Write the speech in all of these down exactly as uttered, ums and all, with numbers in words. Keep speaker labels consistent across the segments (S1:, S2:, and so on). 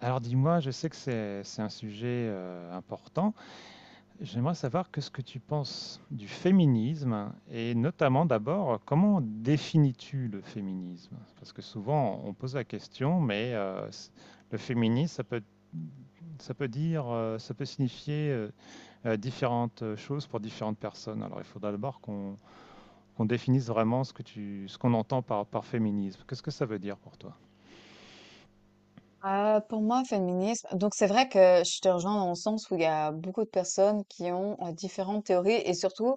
S1: Alors dis-moi, je sais que c'est c'est un sujet euh, important. J'aimerais savoir que ce que tu penses du féminisme et notamment d'abord, comment définis-tu le féminisme? Parce que souvent on pose la question, mais euh, c- le féminisme, ça peut, ça peut dire, euh, ça peut signifier euh, euh, différentes choses pour différentes personnes. Alors il faudra d'abord qu'on qu'on définisse vraiment ce que tu, ce qu'on entend par, par féminisme. Qu'est-ce que ça veut dire pour toi?
S2: Euh, pour moi, féminisme, donc c'est vrai que je te rejoins dans le sens où il y a beaucoup de personnes qui ont euh, différentes théories et surtout,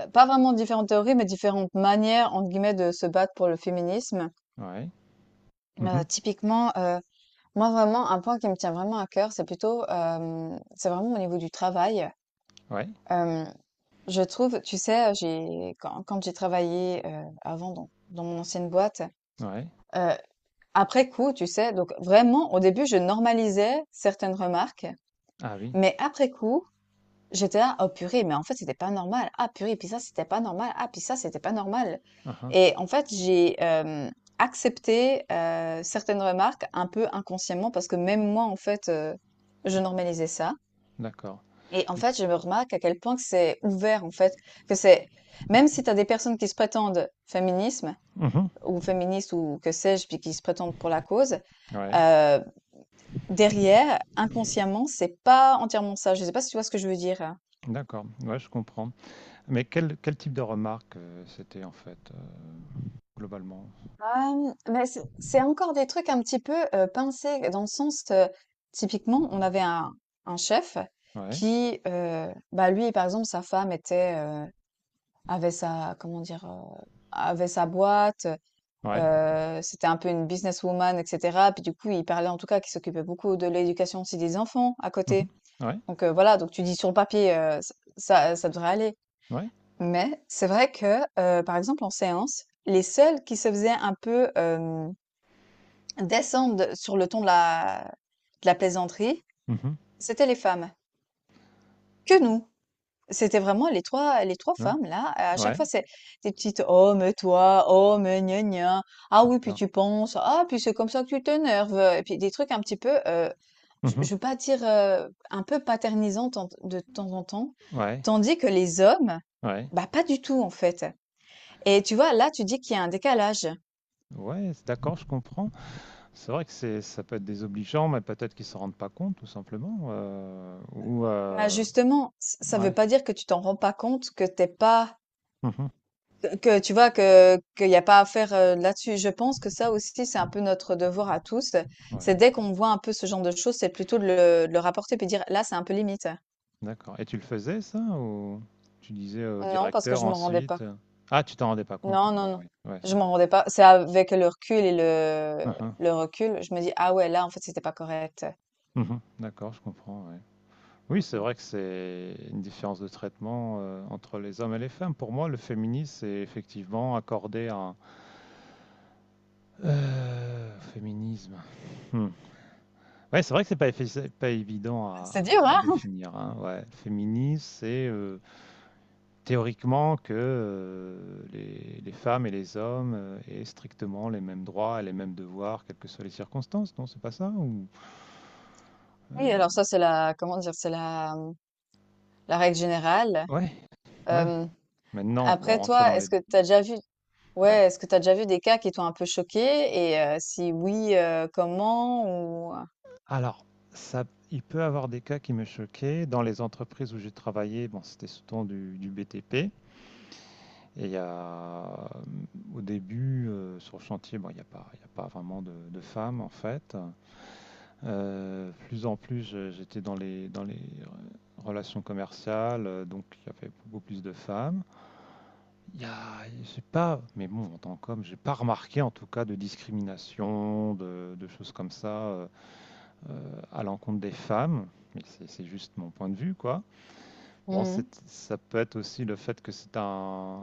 S2: euh, pas vraiment différentes théories, mais différentes manières, entre guillemets, de se battre pour le féminisme.
S1: Ouais.
S2: Euh,
S1: Mhm.
S2: typiquement, euh, moi vraiment, un point qui me tient vraiment à cœur, c'est plutôt, euh, c'est vraiment au niveau du travail.
S1: Ouais.
S2: Euh, je trouve, tu sais, j'ai, quand, quand j'ai travaillé euh, avant dans, dans mon ancienne boîte,
S1: Ouais.
S2: euh, après coup, tu sais, donc vraiment, au début, je normalisais certaines remarques.
S1: Ah oui.
S2: Mais après coup, j'étais là, oh purée, mais en fait, c'était pas normal. Ah purée, puis ça, c'était pas normal. Ah, puis ça, c'était pas normal.
S1: Ah uhum.
S2: Et en fait, j'ai euh, accepté euh, certaines remarques un peu inconsciemment parce que même moi, en fait, euh, je normalisais ça.
S1: D'accord.
S2: Et en
S1: Et
S2: fait, je me remarque à quel point que c'est ouvert, en fait, que c'est, même si tu as des personnes qui se prétendent féminisme
S1: mmh,
S2: ou féministes ou que sais-je, puis qui se prétendent pour la cause,
S1: ouais,
S2: euh, derrière, inconsciemment, c'est pas entièrement ça. Je sais pas si tu vois ce que je veux dire.
S1: d'accord, ouais, je comprends. Mais quel quel type de remarque, heu, c'était en fait, heu, globalement?
S2: Hem, mais c'est c'est encore des trucs un petit peu, heu, pincés dans le sens, heu, typiquement, on avait un un chef
S1: Ouais,
S2: qui, heu, bah, lui, par exemple, sa femme était, heu, avait sa comment dire? Heu, avait sa boîte,
S1: ouais.
S2: heu, c'était un peu une businesswoman et cetera. Puis, du coup, il parlait en tout cas qu'il s'occupait beaucoup de l'éducation aussi des enfants à
S1: Mmh mh.
S2: côté.
S1: Ouais,
S2: Donc, heu, voilà, donc tu dis sur le papier, heu, ç ça ça devrait aller.
S1: ouais.
S2: Mais c'est vrai que, heu, par exemple, en séance, les seuls qui se faisaient un peu, descendent sur le ton de la de la plaisanterie,
S1: Mmh.
S2: c'était les femmes, que nous. C'était vraiment les trois, les trois
S1: Hein?
S2: femmes là, à chaque
S1: Ouais,
S2: fois c'est des petites: «Oh mais toi, oh mais gna gna, ah oui puis
S1: d'accord.
S2: tu penses, ah puis c'est comme ça que tu t'énerves», et puis des trucs un petit peu, heu, je
S1: Mmh mh.
S2: je veux pas dire, heu, un peu paternisants tant de temps en temps.
S1: Ouais,
S2: Tandis que les hommes,
S1: ouais.
S2: bah, pas du tout en fait. Et tu vois, là, tu dis qu'il y a un décalage.
S1: Ouais, c d'accord, je comprends. C'est vrai que c'est ça peut être désobligeant, mais peut-être qu'ils s'en rendent pas compte tout simplement, heu, ou
S2: Bah,
S1: heu,
S2: justement, ç ça
S1: ouais.
S2: veut pas dire que tu t'en rends pas compte, que t'es pas
S1: Mmh.
S2: que tu vois que qu'il y a pas à faire euh, là-dessus. Je pense que ça aussi, c'est un peu notre devoir à tous.
S1: Ouais.
S2: C'est dès qu'on voit un peu ce genre de choses, c'est plutôt de le, de le rapporter puis dire là, c'est un peu limite.
S1: D'accord. Et tu le faisais ça ou tu disais au
S2: Non, parce que
S1: directeur
S2: je m'en rendais
S1: ensuite?
S2: pas.
S1: euh, Ah, tu t'en rendais pas compte,
S2: Non, non,
S1: pardon,
S2: non.
S1: oui. Ouais,
S2: Je
S1: c'est
S2: m'en
S1: vrai.
S2: rendais pas. C'est avec le recul et le,
S1: Uhum,
S2: le recul, je me dis ah ouais, là, en fait, c'était pas correct.
S1: uhum, d'accord, je comprends, ouais. Oui,
S2: Donc,
S1: c'est
S2: ouais.
S1: vrai que c'est une différence de traitement euh, entre les hommes et les femmes. Pour moi, le féminisme, c'est effectivement accorder un euh, féminisme. Hmm. Ouais, c'est vrai que c'est pas, effi- pas évident à,
S2: C'est dur,
S1: à
S2: hein?
S1: définir, hein. Ouais. Le féminisme, c'est euh, théoriquement que, heu, les les femmes et les hommes, heu, aient strictement les mêmes droits et les mêmes devoirs, quelles que soient les circonstances, non, c'est pas ça ou?
S2: Oui,
S1: Heu,
S2: alors ça, c'est la, comment dire, c'est la, la règle générale.
S1: ouais, ouais.
S2: Euh,
S1: Maintenant, bon,
S2: Après,
S1: rentrer
S2: toi,
S1: dans les,
S2: est-ce que tu as déjà vu
S1: ouais.
S2: ouais, est-ce que tu as déjà vu des cas qui t'ont un peu choqué? Et heu, si oui, heu, comment ou heu?
S1: Alors, ça il peut avoir des cas qui me choquaient. Dans les entreprises où j'ai travaillé, bon, c'était surtout du du B T P et il y a, mmh, au début, heu, sur le chantier, bon, il y a pas il y a pas vraiment de de femmes, en fait. Euh, plus en plus, je- j'étais dans les, dans les euh, relations commerciales, euh, donc il y avait beaucoup plus de femmes. Il y a, j'ai pas, mais bon, en tant qu'homme, j'ai pas remarqué en tout cas de discrimination, de, de choses comme ça euh, euh, à l'encontre des femmes. Mais c'est c'est juste mon point de vue, quoi. Bon,
S2: Mmh.
S1: c'est- ça peut être aussi le fait que c'est un,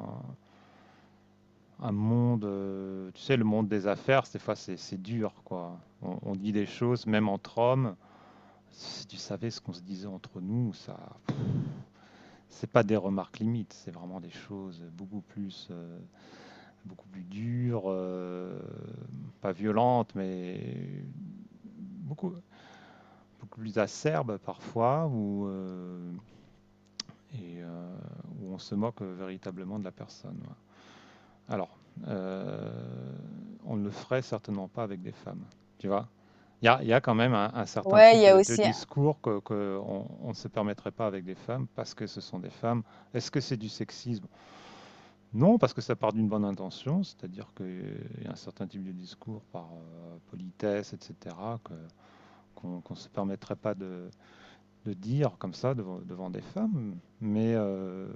S1: un monde, euh, tu sais, le monde des affaires, des fois c'est c'est dur, quoi. On, on dit des choses, même entre hommes. Si tu savais ce qu'on se disait entre nous, ça, c'est pas des remarques limites, c'est vraiment des choses beaucoup plus, euh, beaucoup plus dures, euh, pas violentes, mais beaucoup, beaucoup plus acerbes parfois, où, euh, et, euh, où on se moque véritablement de la personne. Ouais. Alors, euh, on ne le ferait certainement pas avec des femmes, tu vois. Il y a, il y a quand même un, un certain
S2: Ouais, il
S1: type
S2: y a
S1: de, de
S2: aussi un
S1: discours que, que on, on ne se permettrait pas avec des femmes parce que ce sont des femmes. Est-ce que c'est du sexisme? Non, parce que ça part d'une bonne intention, c'est-à-dire qu'il y a un certain type de discours par euh, politesse, et cetera, que, qu'on qu'on ne se permettrait pas de, de dire comme ça devant, devant des femmes. Mais euh,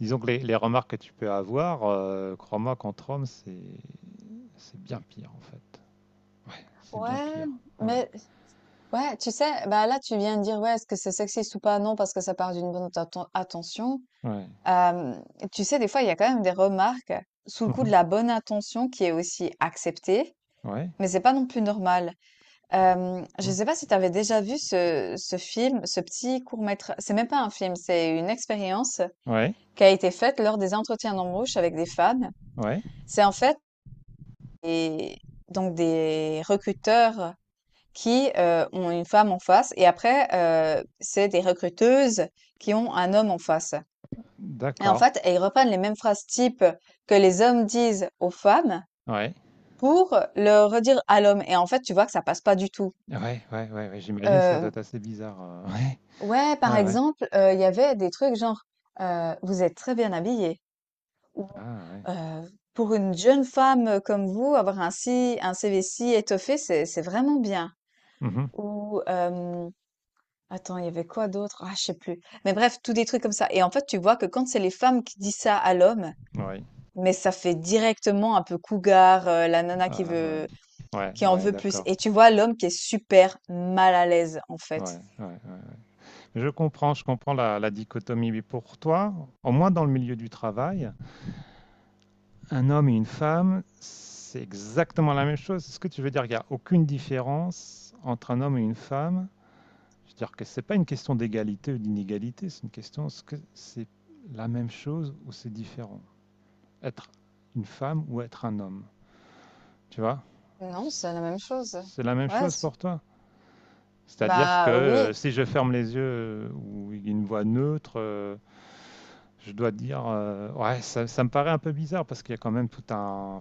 S1: disons que les, les remarques que tu peux avoir, euh, crois-moi, qu'entre hommes, c'est c'est bien pire en fait. Ouais, c'est bien
S2: ouais,
S1: pire. Ouais,
S2: mais ouais, tu sais, bah, là, tu viens de dire: «Ouais, est-ce que c'est sexiste ou pas?» Non, parce que ça part d'une bonne atten attention.
S1: ouais.
S2: Hem, Tu sais, des fois, il y a quand même des remarques sous le coup de
S1: Mhm.
S2: la bonne intention qui est aussi acceptée,
S1: Ouais.
S2: mais c'est pas non plus normal. Hem, je
S1: Mmh.
S2: sais pas si tu avais déjà vu ce ce film, ce petit court métrage, c'est même pas un film, c'est une expérience,
S1: Ouais,
S2: qui a été faite lors des entretiens d'embauche avec des femmes.
S1: ouais,
S2: C'est en fait des, donc des recruteurs qui euh, ont une femme en face et après, euh, c'est des recruteuses qui ont un homme en face. Et en
S1: d'accord.
S2: fait, elles reprennent les mêmes phrases type que les hommes disent aux femmes
S1: Ouais.
S2: pour le redire à l'homme. Et en fait, tu vois que ça passe pas du tout.
S1: Ouais, ouais, ouais, ouais, j'imagine que ça doit
S2: Euh,
S1: être assez bizarre, heu, ouais.
S2: ouais, par
S1: Ouais, ouais.
S2: exemple, euh, il y avait des trucs genre euh, vous êtes très bien habillé. Ou,
S1: Ah ouais.
S2: heu, pour une jeune femme, comme vous, avoir un si un C V si étoffé, c'est c'est vraiment bien.
S1: Mhm.
S2: Ou, hem, attends, il y avait quoi d'autre? Ah, je sais plus. Mais bref, tous des trucs comme ça et en fait, tu vois que quand c'est les femmes qui disent ça à l'homme,
S1: Ouais.
S2: mais ça fait directement un peu cougar, heu, la nana qui
S1: Ah ouais.
S2: veut
S1: Ouais,
S2: qui en
S1: ouais,
S2: veut plus
S1: d'accord.
S2: et tu vois l'homme qui est super mal à l'aise, en
S1: Ouais,
S2: fait.
S1: ouais, ouais. Ouais. Je comprends, je comprends la la dichotomie. Mais pour toi, au moins dans le milieu du travail, un homme et une femme, c'est exactement la même chose? C'est ce que tu veux dire? Il y a aucune différence entre un homme et une femme. C'est-à-dire que c'est pas une question d'égalité ou d'inégalité, c'est une question est-ce que c'est la même chose ou c'est différent? Être une femme ou être un homme, tu vois?
S2: Non, c'est la même chose.
S1: C'est la même
S2: Ouais,
S1: chose
S2: c
S1: pour toi? C'est-à-dire que
S2: Bah, oui.
S1: euh, si je ferme les yeux euh, ou une voix neutre, euh, je dois dire euh, ouais, ça, ça me paraît un peu bizarre parce qu'il y a quand même tout un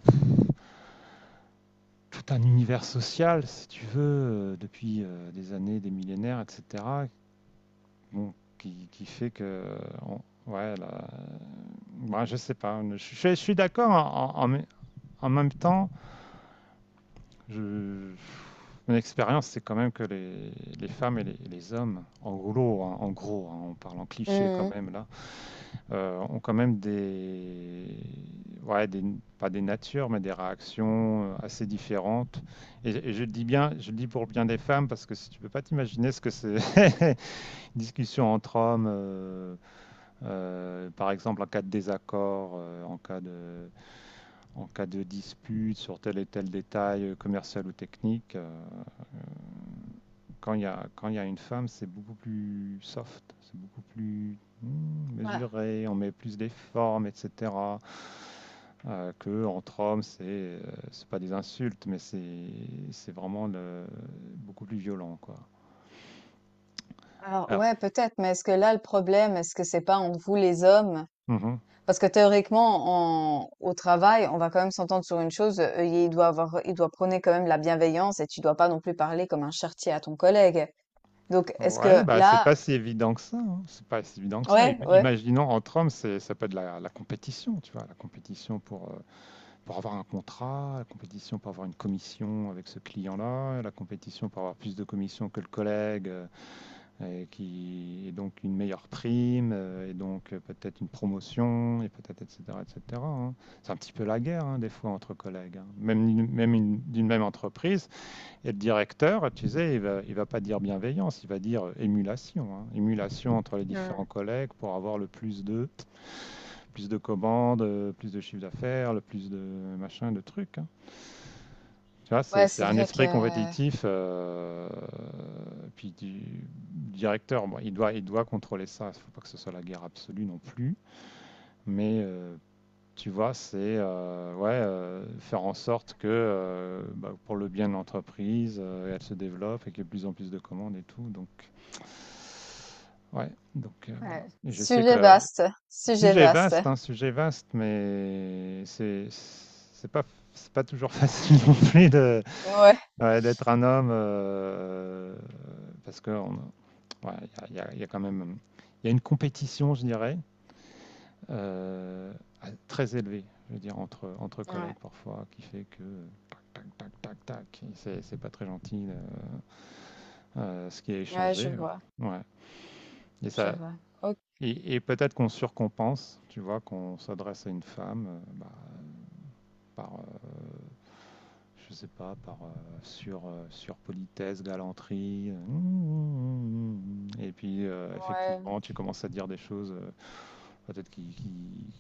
S1: tout un univers social, si tu veux, euh, depuis euh, des années, des millénaires, et cetera Bon, qui, qui fait que. On- ouais, là, ouais, je sais pas. Je, je- je suis d'accord. En, en- en même temps, je- mon expérience, c'est quand même que les, les femmes et les, les hommes, en gros, hein, en gros hein, on parle en cliché quand
S2: Mmh.
S1: même là, euh, ont quand même des. Ouais, des, pas des natures, mais des réactions euh, assez différentes. Et, et je le dis bien, je le dis pour le bien des femmes, parce que si tu peux pas t'imaginer ce que c'est, une discussion entre hommes. Euh, Euh, par exemple, en cas de désaccord, euh, en cas de, en cas de dispute sur tel et tel détail euh, commercial ou technique, euh, quand il y a, quand il y a une femme, c'est beaucoup plus soft, c'est beaucoup plus
S2: Ouais.
S1: mesuré, on met plus des formes, et cetera. Euh, que entre hommes, c'est euh, c'est pas des insultes, mais c'est c'est vraiment le- beaucoup plus violent, quoi.
S2: Alors
S1: Alors,
S2: ouais, peut-être, mais est-ce que là le problème, est-ce que c'est pas entre vous les hommes?
S1: mhm.
S2: Parce que théoriquement, en, au travail, on va quand même s'entendre sur une chose, euh, il doit avoir, il doit prôner quand même la bienveillance et tu dois pas non plus parler comme un charretier à ton collègue. Donc est-ce
S1: Ouais,
S2: que
S1: bah c'est
S2: là,
S1: pas si évident que ça, hein. C'est pas si évident que ça. Im-
S2: ouais, ouais.
S1: Imaginons entre hommes, c'est ça peut être la, la compétition, tu vois, la compétition pour euh, pour avoir un contrat, la compétition pour avoir une commission avec ce client-là, la compétition pour avoir plus de commissions que le collègue euh, et qui et donc une meilleure prime euh, et donc euh, peut-être une promotion et peut-être etc et cetera hein. C'est un petit peu la guerre hein, des fois entre collègues, hein. Même une- même une- d'une même entreprise, et le directeur, tu sais, il va, il va pas dire bienveillance, il va dire euh, émulation, hein. Émulation entre les
S2: Mm.
S1: différents collègues pour avoir le plus de, plus de commandes, euh, plus de chiffre d'affaires, le plus de machin, de trucs, hein. Tu vois, c'est
S2: Ouais,
S1: c'est
S2: c'est
S1: un
S2: vrai que
S1: esprit compétitif. Euh, puis du directeur, bon, il doit, il doit contrôler ça. Il ne faut pas que ce soit la guerre absolue non plus. Mais euh, tu vois, c'est euh, ouais, euh, faire en sorte que euh, bah, pour le bien de l'entreprise, euh, elle se développe et qu'il y ait de plus en plus de commandes et tout. Donc, ouais, donc euh, voilà.
S2: ouais,
S1: Et je sais
S2: sujet
S1: que
S2: vaste, sujet
S1: sujet
S2: vaste.
S1: vaste, hein, sujet vaste, mais c'est c'est pas c'est pas toujours facile non plus de,
S2: Ouais.
S1: ouais, d'être un homme euh, parce que on- ouais, il y a, il y a- il y a quand même il y a une compétition, je dirais, euh, très élevé, je veux dire, entre, entre
S2: Ouais.
S1: collègues parfois, qui fait que euh, tac, tac, tac, tac, tac, c'est c'est pas très gentil euh, euh, ce qui est
S2: Ouais, je
S1: échangé.
S2: vois,
S1: Ouais. Et
S2: je
S1: ça,
S2: vois. Ok,
S1: et, et peut-être qu'on surcompense, tu vois, qu'on s'adresse à une femme euh, bah, par, euh, je sais pas, par euh, sur, euh, sur politesse, galanterie. euh, Mm, mm, mm. Et puis euh,
S2: ouais,
S1: effectivement, tu commences à dire des choses euh, peut-être qui, qui,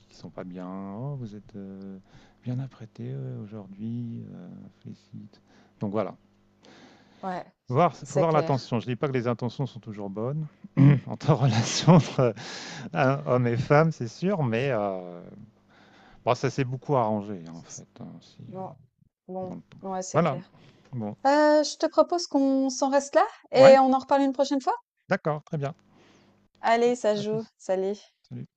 S1: qui sont pas bien. Oh, vous êtes euh, bien apprêté euh, aujourd'hui, euh, félicite. Donc voilà.
S2: ouais,
S1: Faut voir, faut
S2: c'est
S1: voir
S2: clair.
S1: l'intention. Je dis pas que les intentions sont toujours bonnes entre relations entre euh, hommes et femmes, c'est sûr, mais euh, bon, ça s'est beaucoup arrangé hein, en fait hein, aussi,
S2: Bon,
S1: euh, dans
S2: bon,
S1: le temps.
S2: ouais, c'est
S1: Voilà.
S2: clair.
S1: Bon.
S2: Euh, je te propose qu'on s'en reste là
S1: Ouais.
S2: et on en reparle une prochaine fois.
S1: D'accord, très bien.
S2: Allez, ça
S1: À
S2: joue.
S1: plus.
S2: Salut.
S1: Salut.